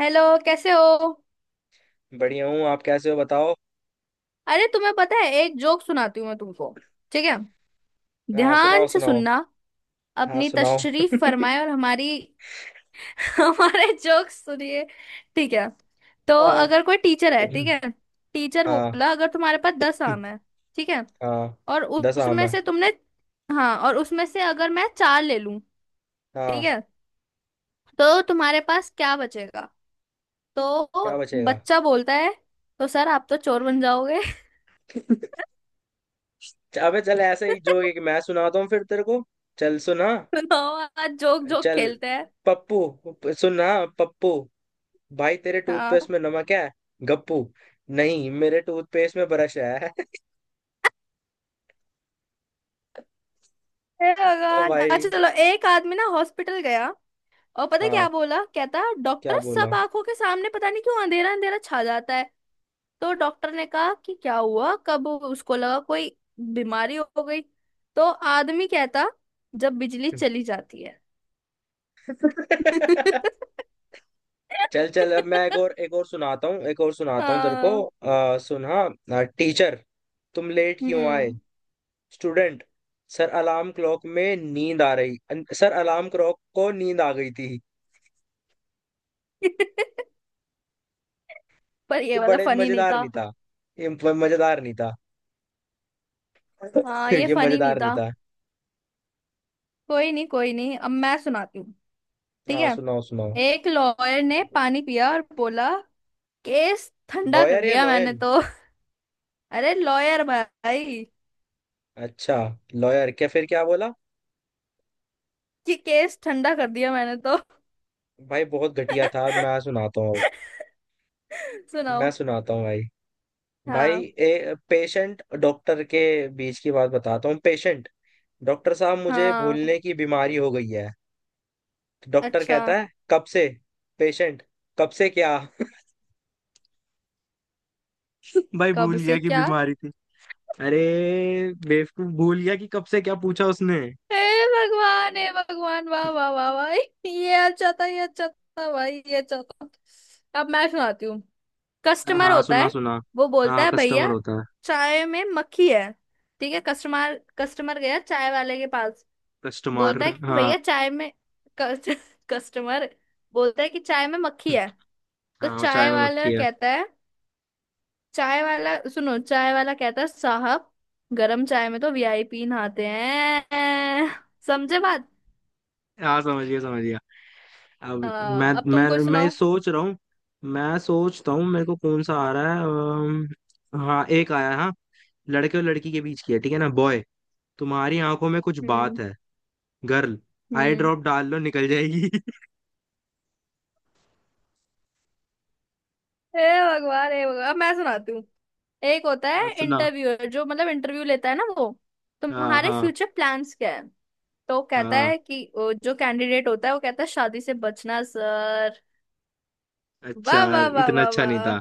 Hello, कैसे हो। बढ़िया हूँ। आप कैसे हो बताओ। अरे, तुम्हें पता है, एक जोक सुनाती हूँ मैं तुमको। ठीक है। हाँ, सुनाओ ध्यान से सुनाओ। सुनना। हाँ, अपनी सुनाओ। तशरीफ फरमाए और हमारी हमारे जोक सुनिए। ठीक है। तो हाँ अगर कोई टीचर है, ठीक है। टीचर हाँ बोला, अगर तुम्हारे पास 10 आम है, ठीक है, हाँ। और 10 आम उसमें है। से तुमने। हाँ, और उसमें से अगर मैं चार ले लूं, ठीक हाँ। है, तो तुम्हारे पास क्या बचेगा। क्या तो बचेगा? बच्चा बोलता है, तो सर, आप तो चोर बन जाओगे। अबे चल, ऐसे ही जो एक मैं सुनाता हूँ फिर तेरे को। चल सुना। सुनाओ। आज जोक जोक चल, खेलते हैं। पप्पू सुना। पप्पू भाई, तेरे हाँ। टूथपेस्ट में नमक है। गप्पू, नहीं मेरे टूथपेस्ट में ब्रश है। हे ओ भगवान। भाई। अच्छा, चलो। एक आदमी ना हॉस्पिटल गया और पता है क्या हाँ, बोला, कहता क्या डॉक्टर बोला? सब, आंखों के सामने पता नहीं क्यों अंधेरा अंधेरा छा जाता है। तो डॉक्टर ने कहा कि क्या हुआ, कब उसको लगा कोई बीमारी हो गई। तो आदमी कहता, जब बिजली चली जाती है। चल चल, अब मैं एक और सुनाता हूँ, एक और सुनाता हूँ तेरे को। हाँ। सुना। टीचर, तुम लेट क्यों आए? हम्म। स्टूडेंट, सर अलार्म क्लॉक में नींद आ रही सर अलार्म क्लॉक को नींद आ गई थी। पर ये ये वाला बड़े फनी नहीं मजेदार था। नहीं था। ये मजेदार नहीं था। हाँ, ये ये फनी नहीं मजेदार नहीं था। था। कोई नहीं कोई नहीं, अब मैं सुनाती हूँ। ठीक हाँ, है। सुनाओ सुनाओ। एक लॉयर ने पानी पिया और बोला, केस ठंडा कर लॉयर या लिया मैंने लॉयन? तो। अरे लॉयर भाई। अच्छा। लॉयर क्या? फिर क्या बोला? कि केस ठंडा कर दिया मैंने तो। भाई बहुत घटिया था, मैं सुनाता हूँ अब। सुनाओ। मैं सुनाता हूँ भाई। भाई, हाँ। ए पेशेंट डॉक्टर के बीच की बात बताता हूँ। पेशेंट, डॉक्टर साहब मुझे हाँ। भूलने की बीमारी हो गई है। तो डॉक्टर अच्छा। कहता है कब से। पेशेंट, कब से क्या? भाई कब भूल से गया कि क्या। बीमारी थी। अरे बेवकूफ, भूल गया कि कब से क्या पूछा उसने। हे भगवान, हे भगवान, वाह वाह वाह वाह। ये अच्छा था, ये अच्छा था भाई, ये अच्छा था। अब मैं सुनाती हूँ। कस्टमर हाँ, होता सुना है, सुना। वो बोलता हाँ, है, भैया कस्टमर होता है। चाय में मक्खी है। ठीक है, कस्टमर कस्टमर गया चाय वाले के पास। कस्टमर। बोलता है कि हाँ, भैया चाय में, कस्ट, कस्टमर बोलता है कि चाय में मक्खी है। तो हाँ वो चाय चाय में वाला मक्खी है। कहता है, चाय वाला सुनो, चाय वाला कहता है, साहब, गरम चाय में तो वीआईपी नहाते हैं। समझे बात। हाँ, समझ गया समझ गया। अब मैं हाँ, अब तुम मैं कोई मैं ये सुनाओ। सोच रहा हूँ। मैं सोचता हूँ मेरे को कौन सा आ रहा है। हाँ, एक आया है, हाँ। लड़के और लड़की के बीच की है, ठीक है ना? बॉय, तुम्हारी आंखों में कुछ हम्म। बात है। गर्ल, आई हम्म। ड्रॉप डाल लो, निकल जाएगी। हे भगवान, हे भगवान, अब मैं सुनाती हूँ। एक होता है आप सुना। इंटरव्यूअर, जो मतलब इंटरव्यू लेता है ना, वो, हाँ तुम्हारे हाँ फ्यूचर प्लान्स क्या है। तो कहता हाँ। है कि, वो जो कैंडिडेट होता है, वो कहता है, शादी से बचना सर। अच्छा। वाह वाह वाह इतना वाह अच्छा नहीं वाह। था।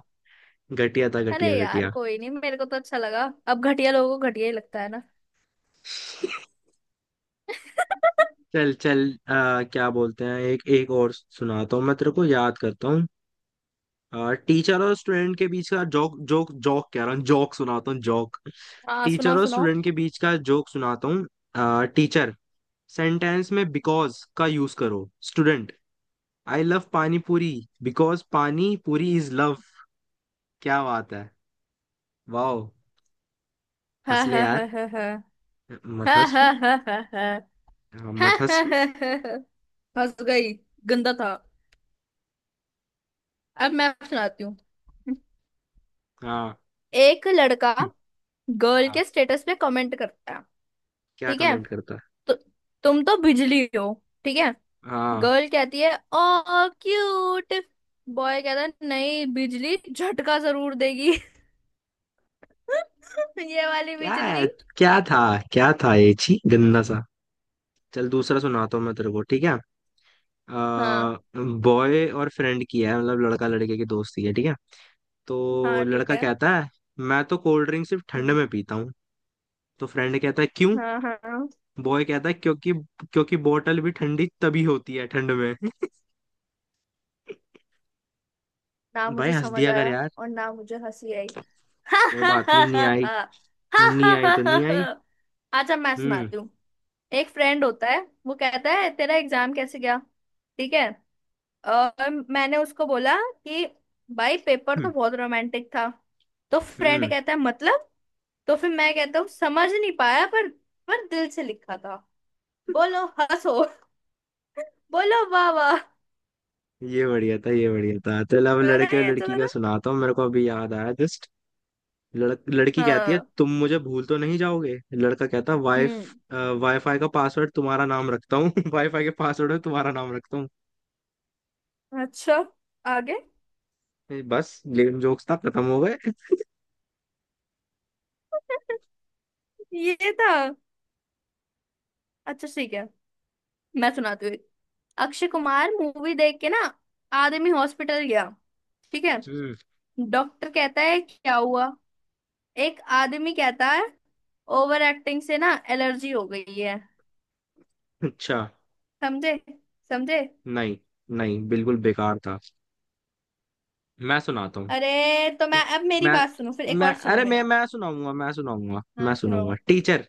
घटिया था, अरे घटिया यार, घटिया। कोई नहीं, मेरे को तो अच्छा लगा। अब घटिया लोगों को घटिया ही लगता है ना। चल चल, क्या बोलते हैं, एक एक और सुनाता हूँ, मैं तेरे को याद करता हूँ। टीचर और स्टूडेंट के बीच का जोक, जोक जोक कह रहा हूँ, जोक सुनाता हूँ जोक। हाँ टीचर सुनाओ और सुनाओ। स्टूडेंट के बीच का जोक सुनाता हूँ। टीचर, सेंटेंस में बिकॉज का यूज करो। स्टूडेंट, आई लव पानी पूरी, बिकॉज पानी पूरी इज लव। क्या बात है! वाह! हंस हाँ ले हाँ हाँ यार। हाँ। हाँ मत हंस हाँ फिर। हाँ हाँ। हाँ हाँ हाँ, हाँ मत हंस हाँ फिर। हाँ हाँ। फंस गई। गंदा था। अब मैं सुनाती हूँ। हाँ। एक लड़का हम्म, गर्ल हाँ। के स्टेटस पे कमेंट करता है, क्या ठीक है। कमेंट करता है? तो, तुम तो बिजली हो, ठीक है। हाँ। गर्ल कहती है, ओ क्यूट। बॉय कहता है, नहीं, बिजली झटका जरूर देगी। ये वाली क्या है? बिजली। क्या था? क्या था? ये छी, गंदा सा। चल दूसरा सुनाता हूँ मैं तेरे को, ठीक है। हाँ बॉय और फ्रेंड की है, मतलब लड़का लड़के की दोस्ती है, ठीक है। तो हाँ। ठीक लड़का है। कहता है मैं तो कोल्ड ड्रिंक सिर्फ ठंड हम्म। में पीता हूँ। तो फ्रेंड कहता है क्यों। हाँ हाँ हाँ। बॉय कहता है क्योंकि क्योंकि बोतल भी ठंडी तभी होती है ठंड में। ना भाई मुझे हंस समझ दिया कर आया यार। और ना मुझे हंसी आई। कोई बात नहीं, नहीं आई। नहीं आई तो नहीं आई। अच्छा, मैं हम्म सुनाती हूँ। एक फ्रेंड होता है, वो कहता है तेरा एग्जाम कैसे गया, ठीक है। और मैंने उसको बोला कि भाई, पेपर तो हम्म बहुत रोमांटिक था। तो फ्रेंड हम्म, कहता है, मतलब। तो फिर मैं कहता हूँ, समझ नहीं पाया, पर दिल से लिखा था। बोलो हंसो। बोलो वाह वाह। ये बढ़िया था, ये बढ़िया था। चल अब है ना, लड़के और ये अच्छा लड़की था का ना। सुनाता हूँ, मेरे को अभी याद आया जस्ट। लड़की कहती है हाँ। तुम मुझे भूल तो नहीं जाओगे। लड़का कहता है वाई, हम्म। वाईफाई का पासवर्ड तुम्हारा नाम रखता हूँ। वाईफाई के पासवर्ड में तुम्हारा नाम रखता हूँ। अच्छा। आगे। ये बस लेम जोक्स था, खत्म हो गए। ये था। अच्छा, ठीक है, मैं सुनाती हूँ एक। अक्षय कुमार मूवी देख के ना, आदमी हॉस्पिटल गया, ठीक है। हम्म। डॉक्टर कहता है क्या हुआ। एक आदमी कहता है, ओवर एक्टिंग से ना एलर्जी हो गई है। अच्छा। समझे। समझे। नहीं, नहीं बिल्कुल बेकार था। मैं सुनाता हूँ। अरे तो टी- मैं, अब मेरी मैं बात सुनो फिर, एक मैं और सुनो अरे, मैं मेरा। मैं सुनाऊंगा, मैं सुनाऊंगा। मैं हाँ सुनो। सुनाऊंगा। टीचर,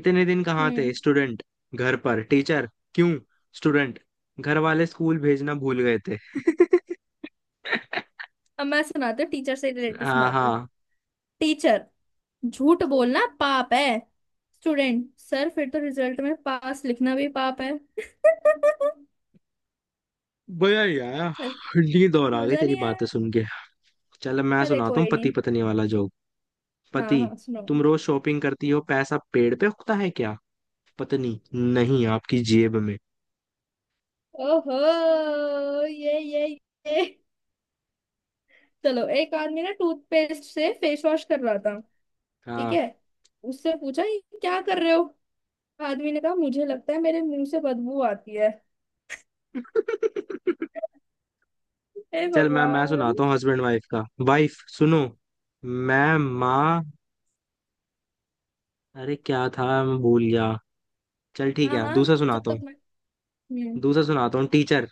इतने दिन कहाँ हम्म। थे? स्टूडेंट, घर पर। टीचर, क्यों? स्टूडेंट, घर वाले स्कूल भेजना भूल गए थे। अब मैं सुनाती हूँ टीचर से रिलेटेड हाँ सुनाती हूँ। हाँ। टीचर, झूठ बोलना पाप है। स्टूडेंट, सर फिर तो रिजल्ट में पास लिखना भी पाप है। भैया यार, नींद और आ गई मजा तेरी नहीं आया। बातें सुन के। चल मैं अरे सुनाता हूँ कोई पति नहीं। पत्नी वाला जोक। हाँ पति, हाँ सुनो। तुम रोज शॉपिंग करती हो, पैसा पेड़ पे उगता है क्या? पत्नी, नहीं आपकी जेब में। ओहो, ये ये। चलो, एक आदमी ना टूथपेस्ट से फेस वॉश कर रहा था, ठीक हाँ। है। उससे पूछा, ये क्या कर रहे हो। आदमी ने कहा, मुझे लगता है मेरे मुंह से बदबू आती है। हे चल मैं भगवान। सुनाता हूँ हस्बैंड वाइफ का, वाइफ सुनो। मैं माँ। अरे क्या था, मैं भूल गया। चल ठीक हाँ है हाँ। दूसरा जब सुनाता तक हूँ। मैं। हम्म। दूसरा सुनाता हूँ। टीचर,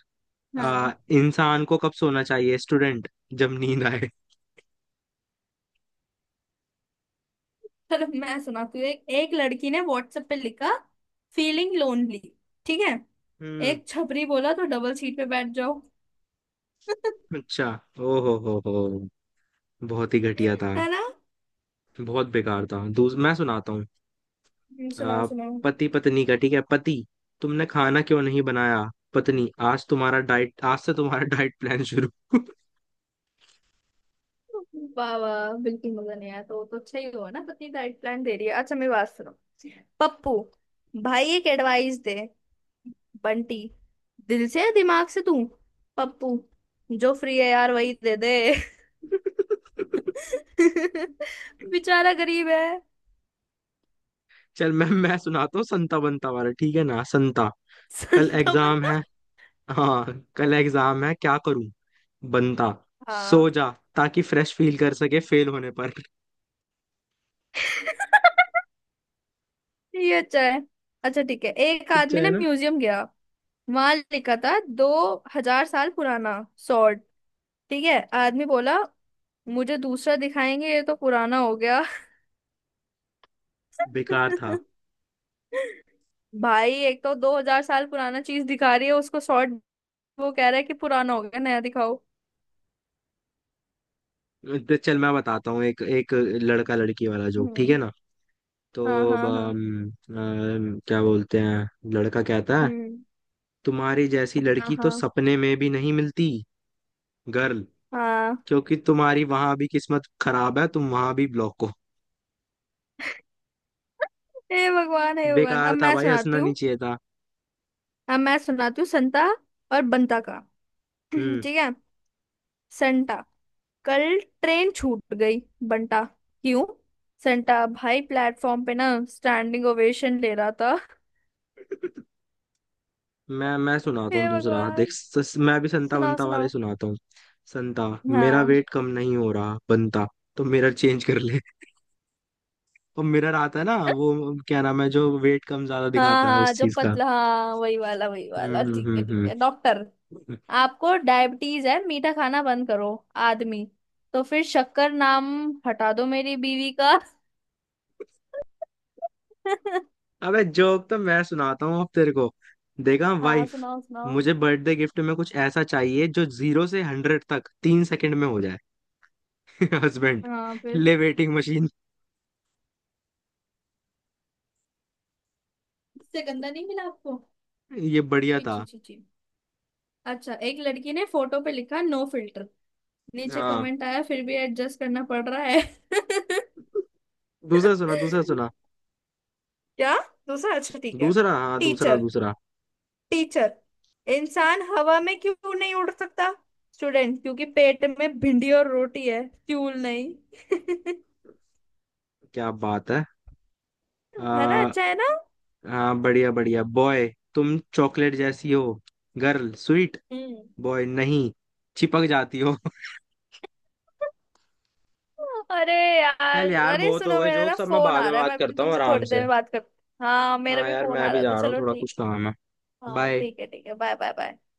हाँ। इंसान को कब सोना चाहिए? स्टूडेंट, जब नींद आए। चलो, मैं सुनाती हूँ। एक एक लड़की ने व्हाट्सएप पे लिखा, फीलिंग लोनली, ठीक है। हम्म। एक छपरी बोला, तो डबल सीट पे बैठ जाओ। अच्छा। ओ हो हो। बहुत ही घटिया था। है ना। बहुत बेकार था, दूस मैं सुनाता हूँ। सुनाओ आ, सुनाओ। पति पत्नी का, ठीक है। पति, तुमने खाना क्यों नहीं बनाया? पत्नी, आज तुम्हारा डाइट आज से तुम्हारा डाइट प्लान शुरू। वाह वाह, बिल्कुल मजा नहीं आया। तो वो तो अच्छा ही हुआ ना, पत्नी डाइट प्लान दे रही है। अच्छा मेरी बात सुनो। पप्पू, भाई एक एडवाइस दे। बंटी, दिल से या दिमाग से तू। पप्पू, जो फ्री है यार वही दे दे। बेचारा गरीब है। चल मैं सुनाता हूँ संता बनता वाला, ठीक है ना। संता, कल संता एग्जाम बंता। है। हाँ, कल एग्जाम है, क्या करूं। बनता, हाँ। सो जा, ताकि फ्रेश फील कर सके फेल होने पर। ये अच्छा है। अच्छा ठीक है, एक अच्छा आदमी है ना ना। म्यूजियम गया। वहां लिखा था, 2000 साल पुराना सॉर्ड। ठीक है, आदमी बोला, मुझे दूसरा दिखाएंगे, ये तो पुराना हो गया। बेकार था। भाई, एक तो 2000 साल पुराना चीज दिखा रही है उसको, सॉर्ड, वो कह रहा है कि पुराना हो गया, नया दिखाओ। तो चल मैं बताता हूँ एक एक लड़का लड़की वाला जोक, ठीक है हम्म। ना। तो हाँ अब, हाँ हाँ। अम, अम, क्या बोलते हैं। लड़का कहता है हम्म। तुम्हारी जैसी हाँ लड़की तो हाँ सपने में भी नहीं मिलती। गर्ल, हाँ। क्योंकि तुम्हारी वहां भी किस्मत खराब है, तुम वहां भी ब्लॉक हो। हे भगवान हे भगवान, अब बेकार था मैं भाई, सुनाती हंसना हूँ। नहीं चाहिए था। अब मैं सुनाती हूँ संता और बंता का। हम्म। ठीक है। संटा, कल ट्रेन छूट गई। बंटा, क्यों। संटा, भाई प्लेटफॉर्म पे ना स्टैंडिंग ओवेशन ले रहा था। मैं सुनाता हूँ हे दूसरा, देख भगवान। मैं भी संता सुनाओ बनता वाला ही सुनाओ। सुनाता हूँ। संता, मेरा हाँ वेट कम नहीं हो रहा। बनता, तो मिरर चेंज कर ले। और मिरर आता है ना, वो क्या नाम है जो वेट कम ज्यादा हाँ दिखाता है उस हाँ, जो चीज का। पतला, हाँ वही वाला वही वाला, हम्म हम्म ठीक है ठीक हम्म है। डॉक्टर, हम्म। आपको डायबिटीज है, मीठा खाना बंद करो। आदमी, तो फिर शक्कर नाम हटा दो मेरी बीवी का। अबे जोक तो मैं सुनाता हूँ अब तेरे को। देखा हाँ वाइफ, सुनाओ सुनाओ। मुझे बर्थडे गिफ्ट में कुछ ऐसा चाहिए जो 0 से 100 तक 3 सेकंड में हो जाए। हस्बैंड, हाँ फिर। ले वेटिंग मशीन। इससे गंदा नहीं मिला आपको। ये बढ़िया छी छी था। छी छी। अच्छा, एक लड़की ने फोटो पे लिखा, नो फिल्टर। नीचे हाँ कमेंट आया, फिर भी एडजस्ट करना पड़ रहा है। दूसरा सुना, दूसरा सुना। क्या। दूसरा, अच्छा ठीक है। दूसरा? हाँ दूसरा टीचर, दूसरा। टीचर, इंसान हवा में क्यों नहीं उड़ सकता। स्टूडेंट, क्योंकि पेट में भिंडी और रोटी है, फ्यूल नहीं। क्या बात है। है ना, आ, अच्छा है ना। हाँ बढ़िया बढ़िया। बॉय, तुम चॉकलेट जैसी हो। Girl, sweet. हम्म। बॉय, नहीं चिपक जाती हो। अरे यार। चल यार अरे बहुत हो सुनो, गए मेरा जोक, ना सब मैं फोन बाद आ में रहा है, बात मैं अभी करता हूँ तुमसे आराम थोड़ी देर से। में बात कर। हाँ, मेरा हाँ भी यार, फोन मैं आ अभी रहा जा था, रहा हूँ, चलो थोड़ा ठीक। कुछ काम है। हाँ बाय। ठीक है ठीक है, बाय बाय बाय।